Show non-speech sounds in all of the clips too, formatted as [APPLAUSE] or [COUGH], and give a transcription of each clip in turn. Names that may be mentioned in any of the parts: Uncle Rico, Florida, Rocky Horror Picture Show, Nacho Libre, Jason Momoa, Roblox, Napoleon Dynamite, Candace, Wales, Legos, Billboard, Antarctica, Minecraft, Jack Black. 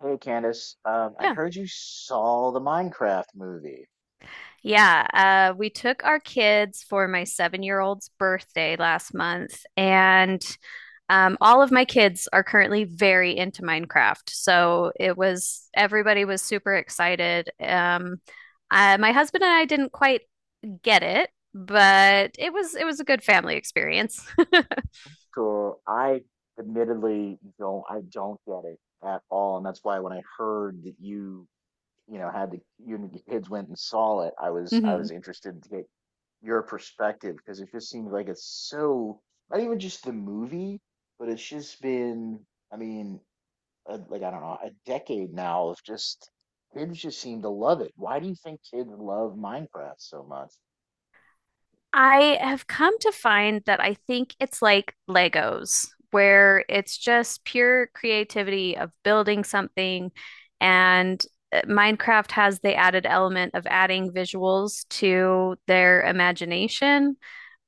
Hey Candace, I Yeah. heard you saw the Minecraft movie. Yeah. We took our kids for my 7 year old's birthday last month, and all of my kids are currently very into Minecraft. So everybody was super excited. My husband and I didn't quite get it, but it was a good family experience. [LAUGHS] Cool. I admittedly don't, I don't get it at all, and that's why when I heard that you know, had the you and your kids went and saw it, I was Mhm. interested to get your perspective because it just seems like it's so not even just the movie, but it's just been, I mean, a, like I don't know, a decade now of just kids just seem to love it. Why do you think kids love Minecraft so much? I have come to find that I think it's like Legos, where it's just pure creativity of building something. And Minecraft has the added element of adding visuals to their imagination.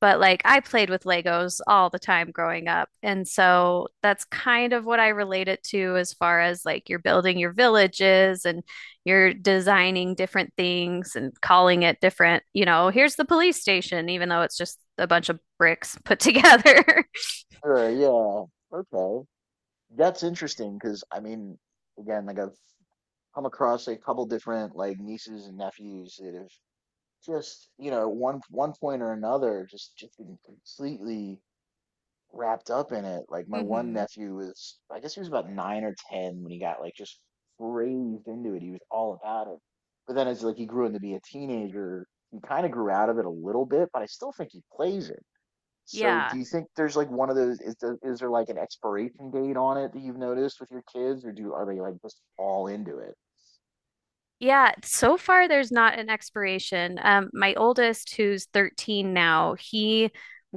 But like I played with Legos all the time growing up. And so that's kind of what I relate it to as far as like you're building your villages and you're designing different things and calling it different, you know, here's the police station, even though it's just a bunch of bricks put together. Sure, yeah. Okay. That's interesting because like I've come across a couple different like nieces and nephews that have just, you know, 1 1 point or another just been completely wrapped up in it. Like [LAUGHS] my one Hmm. nephew was, I guess he was about nine or ten when he got like just raised into it. He was all about it. But then as like he grew into be a teenager, he kind of grew out of it a little bit, but I still think he plays it. So do Yeah. you think there's like one of those is is there like an expiration date on it that you've noticed with your kids or do are they like just all into it? Yeah, so far there's not an expiration. My oldest, who's 13 now, he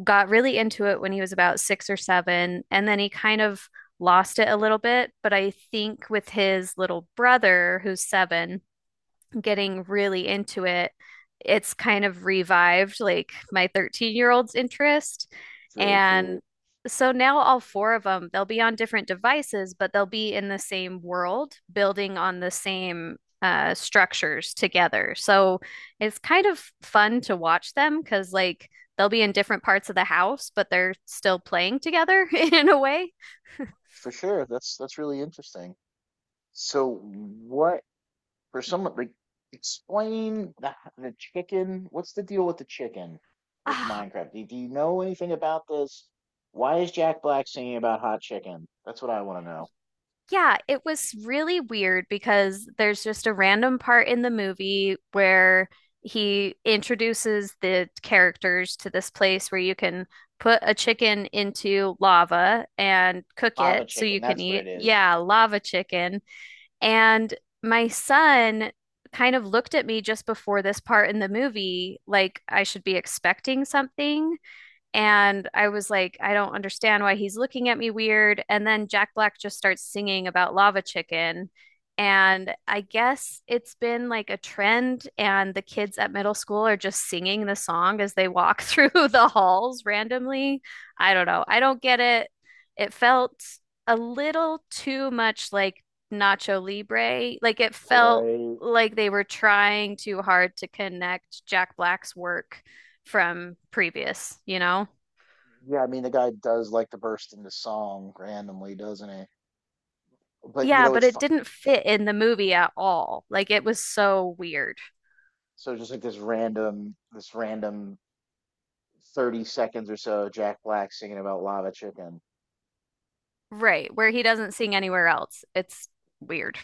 got really into it when he was about six or seven, and then he kind of lost it a little bit. But I think with his little brother, who's seven, getting really into it, it's kind of revived like my 13-year old's interest. It's really And cute. so now all four of them, they'll be on different devices, but they'll be in the same world, building on the same structures together. So it's kind of fun to watch them because, like, they'll be in different parts of the house, but they're still playing together [LAUGHS] in a way. For sure. That's really interesting. So what for someone like explain the chicken, what's the deal with the chicken with Oh. Minecraft? Do you know anything about this? Why is Jack Black singing about hot chicken? That's what I want to know. Yeah, it was really weird because there's just a random part in the movie where he introduces the characters to this place where you can put a chicken into lava and cook Lava it so chicken, you can that's what it eat. is. Yeah, lava chicken. And my son kind of looked at me just before this part in the movie like I should be expecting something. And I was like, I don't understand why he's looking at me weird. And then Jack Black just starts singing about lava chicken. And I guess it's been like a trend, and the kids at middle school are just singing the song as they walk through [LAUGHS] the halls randomly. I don't know. I don't get it. It felt a little too much like Nacho Libre. Like it felt Right. like they were trying too hard to connect Jack Black's work from previous, you know? Yeah, I mean the guy does like to burst into song randomly, doesn't he? But you Yeah, know but it's it fun. didn't fit in the movie at all. Like it was so weird. So just like this random 30 seconds or so, of Jack Black singing about lava chicken. Right, where he doesn't sing anywhere else. It's weird.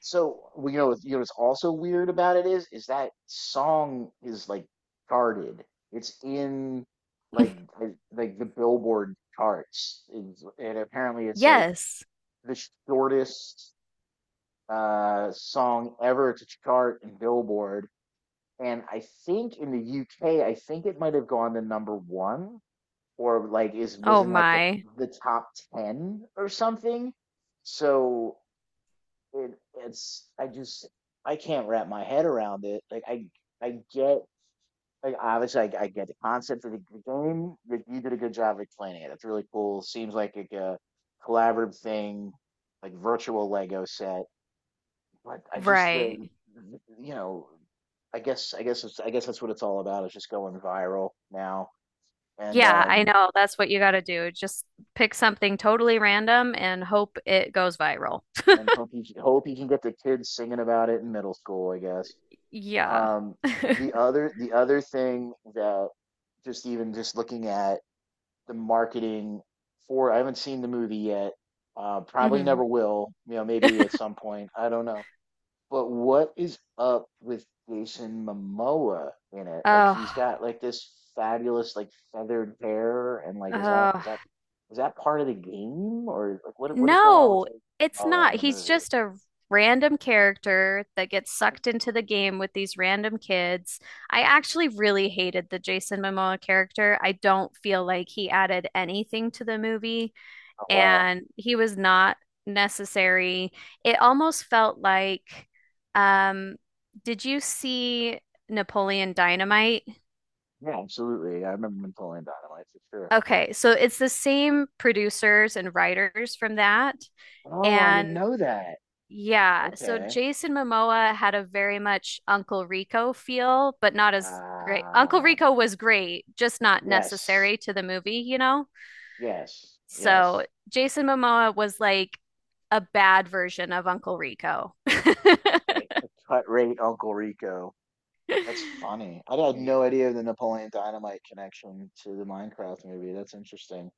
So well, you know, you know what's also weird about it is that song is like charted. It's in like the Billboard charts. And apparently it's like Yes. the shortest song ever to chart in Billboard, and I think in the UK, I think it might have gone to number one or like is was Oh in like my. the top ten or something. So it it's I just I can't wrap my head around it. Like I get like obviously I get the concept of the game. But you did a good job of explaining it. It's really cool. Seems like a collaborative thing, like virtual Lego set. But I just the Right. you know I guess it's that's what it's all about. It's just going viral now, and Yeah, I um know. That's what you got to do. Just pick something totally random and hope it goes viral. and hope you can get the kids singing about it in middle school. I guess. Yeah. Um, the [LAUGHS] other thing that just even just looking at the marketing for I haven't seen the movie yet. Probably Hmm. never will. You know, maybe at some point. I don't know. But what is up with Jason Momoa in it? Like Oh, he's got like this fabulous like feathered hair and like oh. [LAUGHS] Is that part of the game or like what is going on with No, Jason it's Momoa not. in the He's movie? just a random character that gets sucked into the game with these random kids. I actually really hated the Jason Momoa character. I don't feel like he added anything to the movie, Oh wow. and he was not necessary. It almost felt like, um, did you see Napoleon Dynamite? Yeah, absolutely. I remember him pulling dynamite for sure. Okay, so it's the same producers and writers from that. Oh, I And didn't know that. yeah, so Okay. Jason Momoa had a very much Uncle Rico feel, but not as great. Uncle Uh, Rico was great, just not yes. necessary to the movie, you know? Yes. So Yes. Jason Momoa was like a bad version of Uncle Rico. [LAUGHS] Like a cut rate Uncle Rico. That's funny. I had no Yeah. idea the Napoleon Dynamite connection to the Minecraft movie. That's interesting.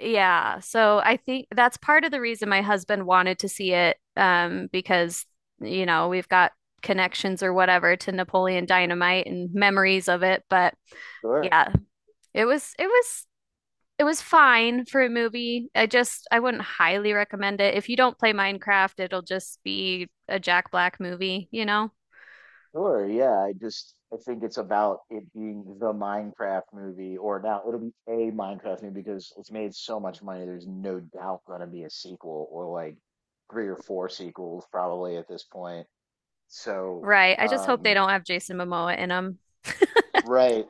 Yeah, so I think that's part of the reason my husband wanted to see it, because, you know, we've got connections or whatever to Napoleon Dynamite and memories of it, but. Sure. Yeah, It was it was it was fine for a movie. I just I wouldn't highly recommend it. If you don't play Minecraft, it'll just be a Jack Black movie, you know? Sure. Yeah. I think it's about it being the Minecraft movie, or now it'll be a Minecraft movie because it's made so much money. There's no doubt going to be a sequel or like three or four sequels probably at this point. So, Right. I just hope they um, don't have Jason Momoa in them right.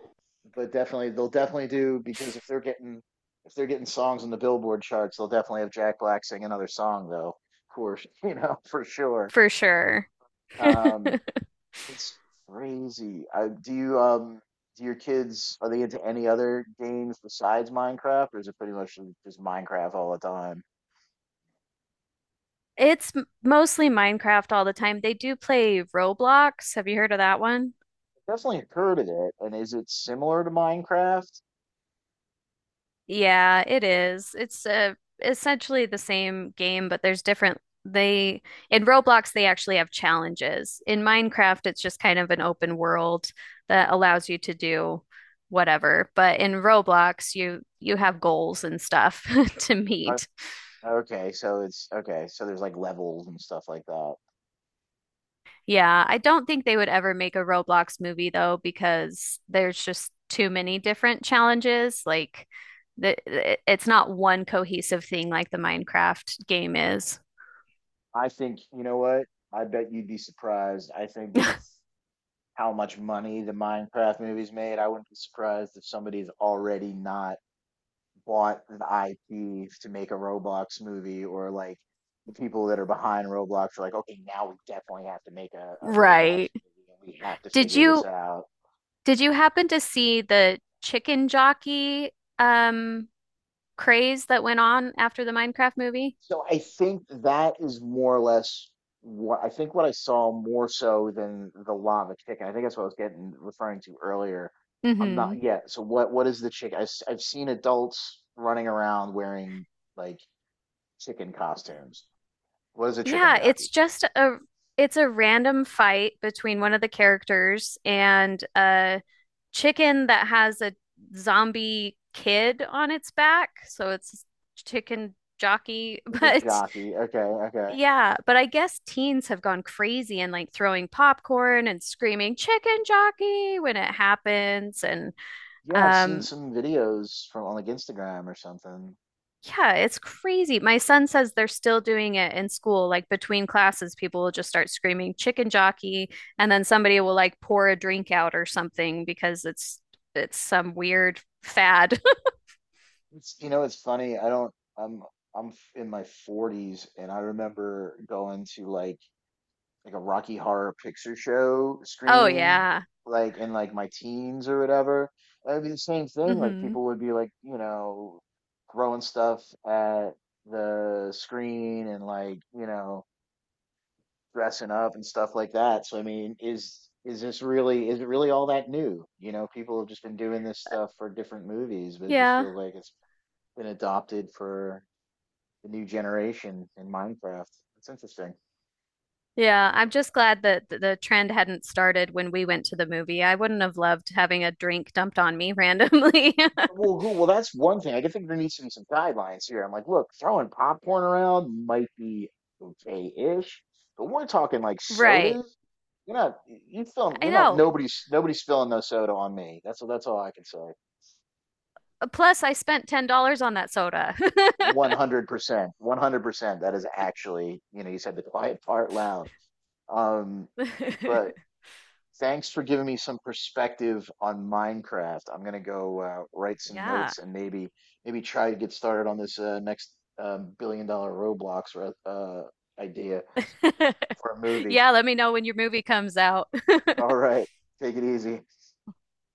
But definitely they'll definitely do because if they're getting songs in the Billboard charts, they'll definitely have Jack Black sing another song though, for [LAUGHS] for sure. for sure. Um it's crazy. Do you do your kids are they into any other games besides Minecraft or is it pretty much just Minecraft all the time? It's mostly Minecraft all the time. They do play Roblox. Have you heard of that one? Definitely heard of it. And is it similar to Minecraft? Yeah, it is. It's essentially the same game, but there's different. They in Roblox they actually have challenges. In Minecraft, it's just kind of an open world that allows you to do whatever. But in Roblox, you have goals and stuff [LAUGHS] to I, meet. okay, so it's Okay, so there's like levels and stuff like that. Yeah, I don't think they would ever make a Roblox movie though, because there's just too many different challenges. Like the, it's not one cohesive thing like the Minecraft game is. I think, you know what? I bet you'd be surprised. I think with [LAUGHS] how much money the Minecraft movies made, I wouldn't be surprised if somebody's already not bought the IP to make a Roblox movie or like the people that are behind Roblox are like, okay, now we definitely have to make a Roblox Right. movie and we have to Did figure this you out. did you happen to see the chicken jockey um craze that went on after the Minecraft movie? So I think that is more or less what I saw more so than the lava chicken. I think that's what I was getting referring to earlier. I'm Mm-hmm. not yeah. So what is the chicken? I've seen adults running around wearing like chicken costumes. What is a chicken Yeah, it's jockey? just a it's a random fight between one of the characters and a chicken that has a zombie kid on its back. So it's chicken jockey, [LAUGHS] Like a but jockey. Okay, okay. yeah, but I guess teens have gone crazy and like throwing popcorn and screaming chicken jockey when it happens. And Yeah, I've seen um, some videos from on like Instagram or something. yeah, it's crazy. My son says they're still doing it in school. Like between classes, people will just start screaming chicken jockey, and then somebody will like pour a drink out or something because it's some weird fad. [LAUGHS] It's you know it's funny. I don't. I'm in my 40s and I remember going to like a Rocky Horror Picture Show Oh screening, yeah. like in like my teens or whatever. It would be the same thing. Like Hmm. people would be like, you know, throwing stuff at the screen and like, you know, dressing up and stuff like that. So I mean, is this really is it really all that new? You know, people have just been doing this stuff for different movies, but it just Yeah. feels like it's been adopted for the new generation in Minecraft. It's interesting. Yeah, I'm just glad that the trend hadn't started when we went to the movie. I wouldn't have loved having a drink dumped on me randomly. [LAUGHS] Well, that's one thing. I can think there needs to be some guidelines here. I'm like, look, throwing popcorn around might be okay-ish, but we're talking like Right. sodas. You're not, I you're not, know. Nobody's spilling no soda on me. That's all I can say. Plus, I spent $10 on that soda. 100%, 100%. That is actually, you know, you said the [LAUGHS] quiet part loud. Um, but [LAUGHS] [LAUGHS] Thanks for giving me some perspective on Minecraft. I'm gonna go write some Yeah. notes [LAUGHS] and maybe maybe try to get started on this next billion-dollar Roblox idea for a movie. Yeah, let me know when your movie comes out. [LAUGHS] All right, take it easy.